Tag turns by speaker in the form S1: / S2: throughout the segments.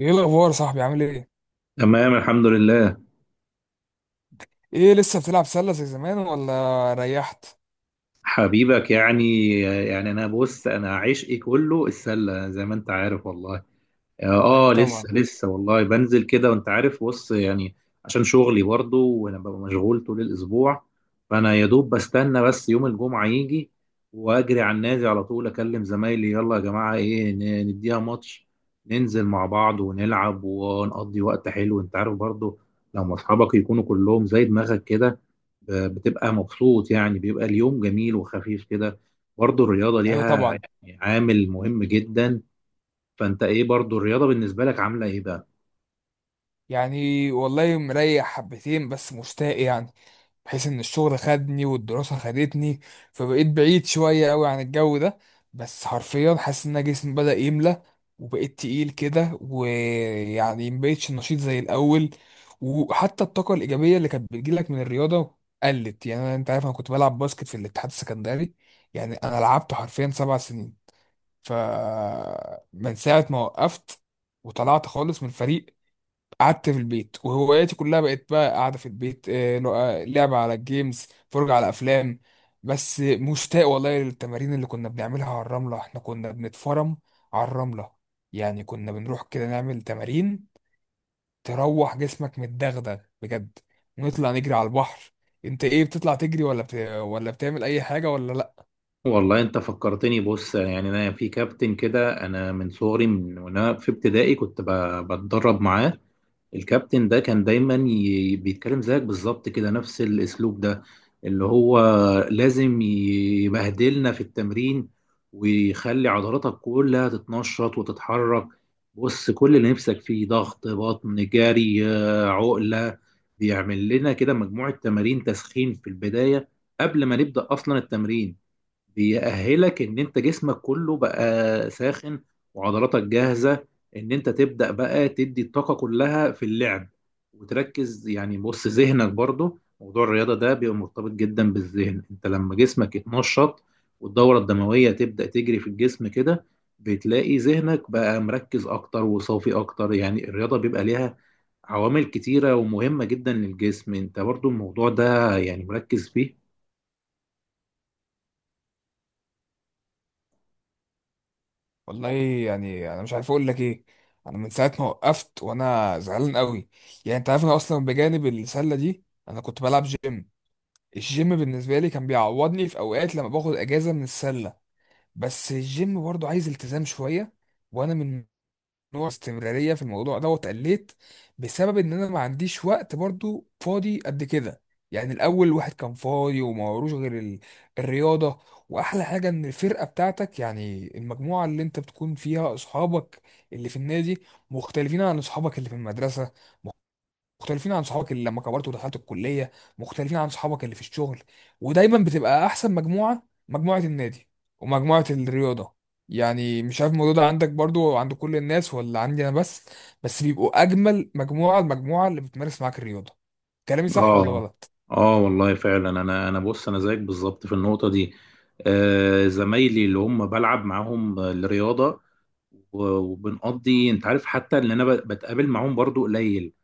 S1: ايه الاخبار يا صاحبي؟ عامل ايه؟
S2: تمام، الحمد لله.
S1: ايه لسه بتلعب سله زي زمان ولا ريحت؟
S2: حبيبك، يعني بص انا عشقي كله السله زي ما انت عارف والله.
S1: ايوه
S2: اه، لسه
S1: طبعا.
S2: لسه والله بنزل كده وانت عارف، بص يعني. عشان شغلي برضه وانا ببقى مشغول طول الاسبوع، فانا يا دوب بستنى بس يوم الجمعه يجي، واجري على النادي على طول، اكلم زمايلي: يلا يا جماعه، ايه، نديها ماتش، ننزل مع بعض ونلعب ونقضي وقت حلو. انت عارف برضه، لما اصحابك يكونوا كلهم زي دماغك كده، بتبقى مبسوط يعني، بيبقى اليوم جميل وخفيف كده. برضه الرياضة
S1: ايوه
S2: ليها
S1: طبعا.
S2: يعني عامل مهم جدا. فانت ايه، برضه الرياضة بالنسبة لك عاملة ايه بقى؟
S1: يعني والله مريح حبتين بس مشتاق، يعني بحيث ان الشغل خدني والدراسة خدتني، فبقيت بعيد شوية قوي عن الجو ده. بس حرفيا حاسس ان أنا جسمي بدأ يملى وبقيت تقيل كده، ويعني مبقتش نشيط زي الاول. وحتى الطاقة الإيجابية اللي كانت بتجيلك من الرياضة قلت. يعني أنا، أنت عارف، أنا كنت بلعب باسكت في الاتحاد السكندري، يعني أنا لعبت حرفيا 7 سنين. ف من ساعة ما وقفت وطلعت خالص من الفريق، قعدت في البيت وهواياتي كلها بقت بقى قاعدة في البيت. لعبة على الجيمز، فرجة على أفلام. بس مشتاق والله للتمارين اللي كنا بنعملها على الرملة. احنا كنا بنتفرم على الرملة. يعني كنا بنروح كده نعمل تمارين تروح جسمك متدغدغ بجد، ونطلع نجري على البحر. انت ايه، بتطلع تجري ولا بتعمل اي حاجة ولا لا؟
S2: والله انت فكرتني. بص يعني انا في كابتن كده، انا من صغري، من وانا في ابتدائي كنت بتدرب معاه. الكابتن ده كان دايما بيتكلم زيك بالظبط كده، نفس الاسلوب ده، اللي هو لازم يبهدلنا في التمرين ويخلي عضلاتك كلها تتنشط وتتحرك. بص، كل اللي نفسك فيه: ضغط بطن، جري، آه، عقلة. بيعمل لنا كده مجموعة تمارين تسخين في البداية قبل ما نبدأ أصلا التمرين، بيأهلك ان انت جسمك كله بقى ساخن وعضلاتك جاهزة ان انت تبدأ بقى تدي الطاقة كلها في اللعب وتركز. يعني بص، ذهنك برضو، موضوع الرياضة ده بيبقى مرتبط جدا بالذهن. انت لما جسمك يتنشط والدورة الدموية تبدأ تجري في الجسم كده، بتلاقي ذهنك بقى مركز اكتر وصافي اكتر. يعني الرياضة بيبقى ليها عوامل كتيرة ومهمة جدا للجسم. انت برضو الموضوع ده يعني مركز فيه.
S1: والله يعني انا مش عارف اقول لك ايه. انا من ساعة ما وقفت وانا زعلان قوي. يعني انت عارف انا اصلا بجانب السلة دي انا كنت بلعب جيم. الجيم بالنسبة لي كان بيعوضني في أوقات لما باخد أجازة من السلة. بس الجيم برضو عايز التزام شوية، وأنا من نوع استمرارية في الموضوع ده واتقليت بسبب إن أنا ما عنديش وقت برضو فاضي قد كده. يعني الأول الواحد كان فاضي وما وروش غير الرياضة. وأحلى حاجة إن الفرقة بتاعتك، يعني المجموعة اللي أنت بتكون فيها أصحابك اللي في النادي، مختلفين عن أصحابك اللي في المدرسة، مختلفين عن صحابك اللي لما كبرت ودخلت الكلية، مختلفين عن صحابك اللي في الشغل. ودايما بتبقى أحسن مجموعة، مجموعة النادي ومجموعة الرياضة. يعني مش عارف الموضوع ده عندك برضو، عند كل الناس، ولا عندي أنا بس، بس بيبقوا أجمل مجموعة المجموعة اللي بتمارس معاك الرياضة. كلامي صح ولا
S2: اه.
S1: غلط؟
S2: اه والله فعلا، انا بص انا زيك بالظبط في النقطه دي. آه، زمايلي اللي هم بلعب معاهم الرياضه وبنقضي، انت عارف، حتى ان انا بتقابل معاهم برضو قليل،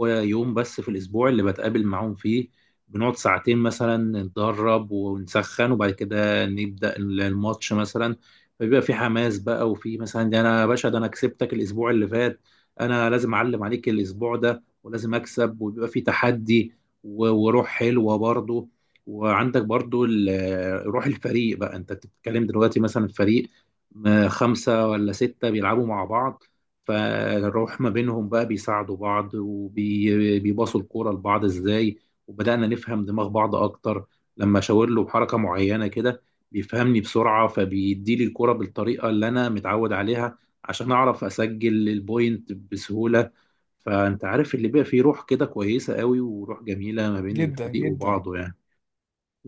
S2: هو يوم بس في الاسبوع اللي بتقابل معاهم فيه. بنقعد ساعتين مثلا، نتدرب ونسخن وبعد كده نبدا الماتش مثلا. فبيبقى في حماس بقى، وفي مثلا: ده انا يا باشا، ده انا كسبتك الاسبوع اللي فات، انا لازم اعلم عليك الاسبوع ده ولازم اكسب، وبيبقى في تحدي وروح حلوه برضه. وعندك برضه روح الفريق بقى. انت بتتكلم دلوقتي مثلا فريق خمسه ولا سته بيلعبوا مع بعض، فالروح ما بينهم بقى، بيساعدوا بعض وبيباصوا الكوره لبعض ازاي. وبدانا نفهم دماغ بعض اكتر، لما اشاور له بحركه معينه كده بيفهمني بسرعه، فبيديلي الكوره بالطريقه اللي انا متعود عليها عشان اعرف اسجل البوينت بسهوله. فانت عارف، اللي بيبقى فيه روح كده كويسه قوي وروح جميله ما بين
S1: جدا
S2: الفريق
S1: جدا.
S2: وبعضه يعني.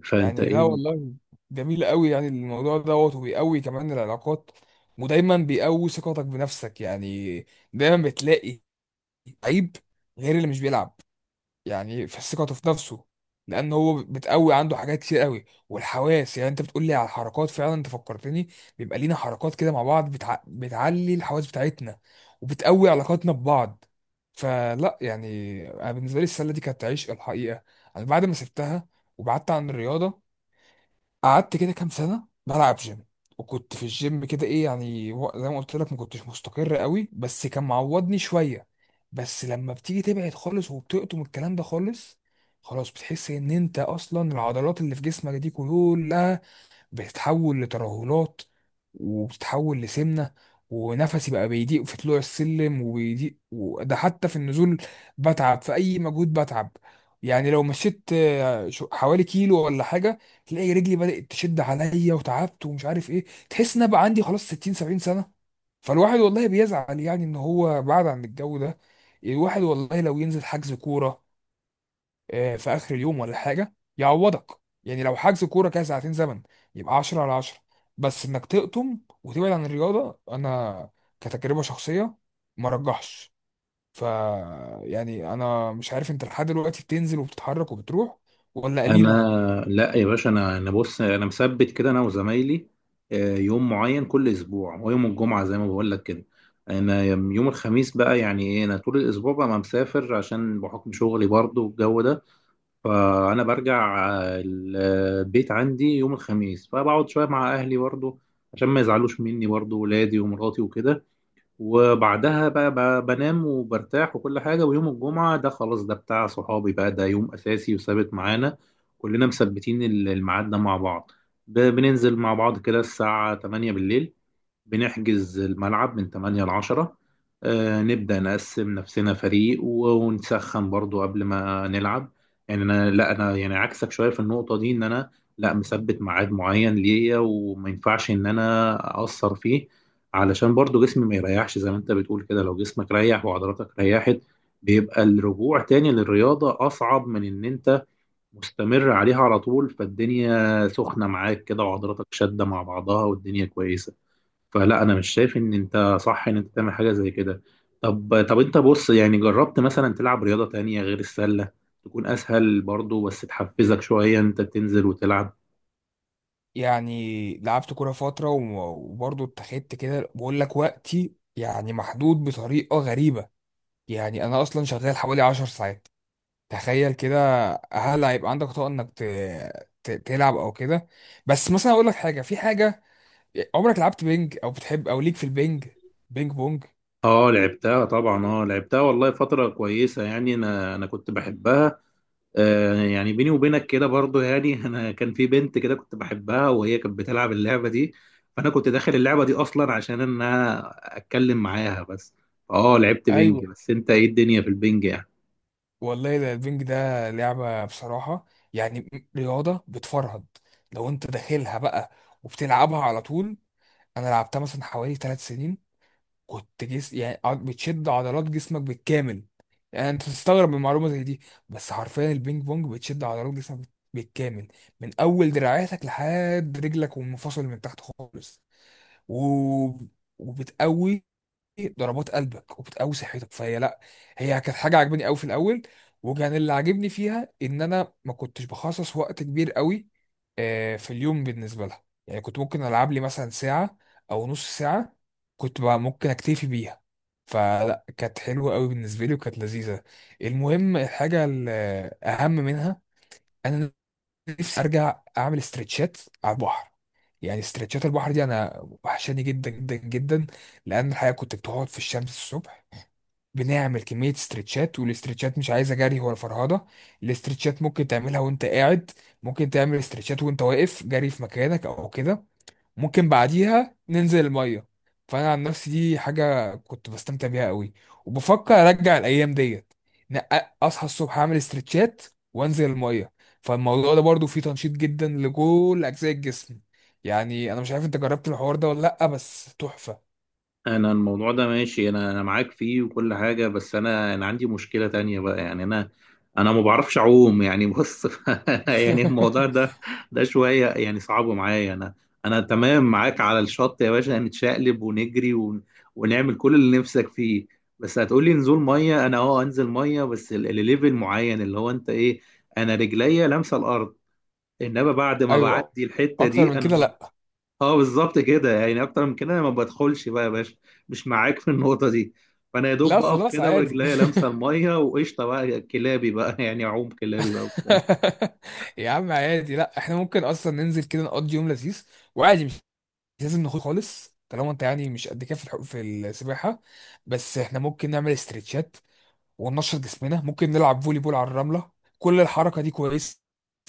S2: فانت
S1: يعني لا
S2: ايه؟
S1: والله، جميل قوي. يعني الموضوع دوت وبيقوي كمان العلاقات، ودايما بيقوي ثقتك بنفسك. يعني دايما بتلاقي لعيب غير اللي مش بيلعب، يعني في ثقته في نفسه، لان هو بتقوي عنده حاجات كتير قوي. والحواس، يعني انت بتقول لي على الحركات، فعلا انت فكرتني. بيبقى لينا حركات كده مع بعض بتعلي الحواس بتاعتنا وبتقوي علاقاتنا ببعض. فلا يعني، انا بالنسبه لي السله دي كانت عشق الحقيقه. انا بعد ما سبتها وبعدت عن الرياضه، قعدت كده كام سنة بلعب جيم. وكنت في الجيم كده ايه، يعني زي ما قلت لك، ما كنتش مستقر قوي بس كان معوضني شوية. بس لما بتيجي تبعد خالص وبتقطم الكلام ده خالص، خلاص بتحس ان انت اصلا العضلات اللي في جسمك دي كلها بتتحول لترهلات وبتتحول لسمنة. ونفسي بقى بيضيق في طلوع السلم وبيضيق وده حتى في النزول. بتعب في أي مجهود بتعب. يعني لو مشيت حوالي كيلو ولا حاجة، تلاقي رجلي بدأت تشد عليا وتعبت ومش عارف ايه. تحس ان أنا بقى عندي خلاص 60 70 سنة. فالواحد والله بيزعل يعني ان هو بعد عن الجو ده. الواحد والله لو ينزل حجز كورة في اخر اليوم ولا حاجه يعوضك، يعني لو حجز كوره كده ساعتين زمن، يبقى 10 على 10. بس انك تقطم وتبعد عن الرياضه، انا كتجربه شخصيه ما رجحش. ف يعني انا مش عارف، انت لحد دلوقتي بتنزل وبتتحرك وبتروح ولا قليل؟
S2: انا، لا يا باشا، انا بص انا مثبت كده انا وزمايلي آه، يوم معين كل اسبوع، هو يوم الجمعه زي ما بقول لك كده. انا يوم الخميس بقى يعني ايه، انا طول الاسبوع بقى ما مسافر عشان بحكم شغلي برضه والجو ده. فانا برجع آه، البيت عندي يوم الخميس، فبقعد شويه مع اهلي برضه عشان ما يزعلوش مني برضه، ولادي ومراتي وكده. وبعدها بقى بنام وبرتاح وكل حاجة. ويوم الجمعة ده خلاص، ده بتاع صحابي بقى، ده يوم أساسي وثابت معانا كلنا، مثبتين الميعاد ده مع بعض. بننزل مع بعض كده الساعة 8 بالليل، بنحجز الملعب من 8 ل 10. آه، نبدأ نقسم نفسنا فريق ونسخن برضو قبل ما نلعب. يعني انا، لا انا يعني عكسك شوية في النقطة دي، ان انا، لا، مثبت ميعاد معين ليا وما ينفعش ان انا اقصر فيه، علشان برضو جسمي ما يريحش. زي ما انت بتقول كده، لو جسمك ريح وعضلاتك ريحت، بيبقى الرجوع تاني للرياضة أصعب من إن أنت مستمر عليها على طول. فالدنيا سخنة معاك كده وعضلاتك شادة مع بعضها والدنيا كويسة. فلا، انا مش شايف ان انت صح ان انت تعمل حاجه زي كده. طب، طب انت بص، يعني جربت مثلا تلعب رياضه تانية غير السله؟ تكون اسهل برضو بس تحفزك شويه انت تنزل وتلعب.
S1: يعني لعبت كوره فتره وبرضه اتخذت كده بقول لك، وقتي يعني محدود بطريقه غريبه. يعني انا اصلا شغال حوالي 10 ساعات، تخيل كده. هل هيبقى عندك طاقة انك تلعب او كده؟ بس مثلا اقول لك حاجة في حاجة، عمرك لعبت بينج او بتحب او ليك في البينج؟ بينج بونج؟
S2: اه لعبتها طبعا، اه لعبتها والله فتره كويسه، يعني انا كنت بحبها. آه يعني بيني وبينك كده برضو يعني انا كان في بنت كده كنت بحبها وهي كانت بتلعب اللعبه دي، فانا كنت داخل اللعبه دي اصلا عشان ان انا اتكلم معاها بس. اه لعبت بينج.
S1: ايوه
S2: بس انت، ايه الدنيا في البينج؟
S1: والله، ده البينج ده لعبة بصراحة، يعني رياضة بتفرهد لو انت داخلها بقى وبتلعبها على طول. انا لعبتها مثلا حوالي 3 سنين. كنت بتشد عضلات جسمك بالكامل. يعني انت تستغرب من معلومه زي دي، بس حرفيا البينج بونج بتشد عضلات جسمك بالكامل من اول دراعاتك لحد رجلك والمفاصل من تحت خالص و... وبتقوي ضربات قلبك وبتقوي صحتك. فهي لا، هي كانت حاجه عجباني قوي في الاول. وكان اللي عاجبني فيها ان انا ما كنتش بخصص وقت كبير قوي في اليوم بالنسبه لها. يعني كنت ممكن العب لي مثلا ساعه او نص ساعه، كنت بقى ممكن اكتفي بيها. فلا كانت حلوه قوي بالنسبه لي وكانت لذيذه. المهم الحاجه الاهم منها، انا نفسي ارجع اعمل استرتشات على البحر. يعني استرتشات البحر دي انا وحشاني جدا جدا جدا، لان الحقيقه كنت بتقعد في الشمس الصبح، بنعمل كميه استرتشات. والاسترتشات مش عايزه جري ولا فرهده، الاسترتشات ممكن تعملها وانت قاعد، ممكن تعمل استرتشات وانت واقف جري في مكانك او كده، ممكن بعديها ننزل المية. فأنا عن نفسي دي حاجة كنت بستمتع بيها قوي، وبفكر أرجع الأيام ديت. إن أصحى الصبح أعمل استرتشات وأنزل المية. فالموضوع ده برضو فيه تنشيط جدا لكل أجزاء الجسم. يعني أنا مش عارف أنت جربت الحوار ده ولا لأ، بس تحفة.
S2: انا الموضوع ده ماشي، انا معاك فيه وكل حاجه، بس انا عندي مشكله تانية بقى، يعني انا، انا ما بعرفش اعوم. يعني بص يعني الموضوع ده، ده شويه يعني صعب معايا. انا، انا تمام معاك على الشط يا باشا، نتشقلب ونجري ونعمل كل اللي نفسك فيه. بس هتقولي نزول ميه، انا اه انزل ميه، بس الليفل معين اللي هو انت ايه، انا رجليا لامسه الارض. انما بعد ما
S1: أيوه،
S2: بعدي الحته
S1: أكتر
S2: دي،
S1: من
S2: انا...
S1: كده لأ.
S2: اه بالظبط كده. يعني اكتر من كده انا ما بدخلش بقى يا باشا، مش معاك في النقطه دي. فانا يا دوب
S1: لا
S2: بقف
S1: خلاص
S2: كده
S1: عادي.
S2: ورجليا لامسه الميه وقشطه بقى كلابي بقى يعني اعوم كلابي بقى وبتاع.
S1: يا عم عادي لأ، إحنا ممكن أصلا ننزل كده نقضي يوم لذيذ وعادي. لازم نخوض خالص طالما انت يعني مش قد كده في في السباحه. بس احنا ممكن نعمل استرتشات وننشط جسمنا، ممكن نلعب فولي بول على الرمله. كل الحركه دي كويسه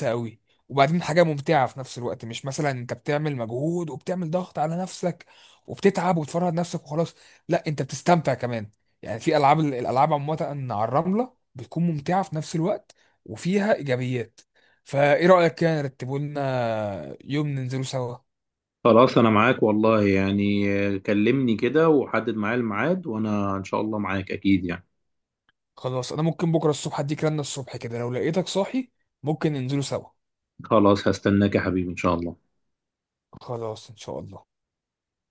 S1: قوي، وبعدين حاجه ممتعه في نفس الوقت. مش مثلا انت بتعمل مجهود وبتعمل ضغط على نفسك وبتتعب وتفرهد نفسك وخلاص، لا انت بتستمتع كمان. يعني في العاب، الالعاب عامه على الرمله بتكون ممتعه في نفس الوقت وفيها ايجابيات. فايه رايك كده نرتبه لنا يوم ننزله سوا؟
S2: خلاص، انا معاك والله، يعني آه، كلمني كده وحدد معايا الميعاد وانا ان شاء الله معاك اكيد يعني.
S1: خلاص انا ممكن بكره الصبح اديك رنه الصبح كده لو لقيتك صاحي، ممكن ننزلوا سوا.
S2: خلاص، هستناك يا حبيبي ان شاء الله.
S1: خلاص ان شاء الله.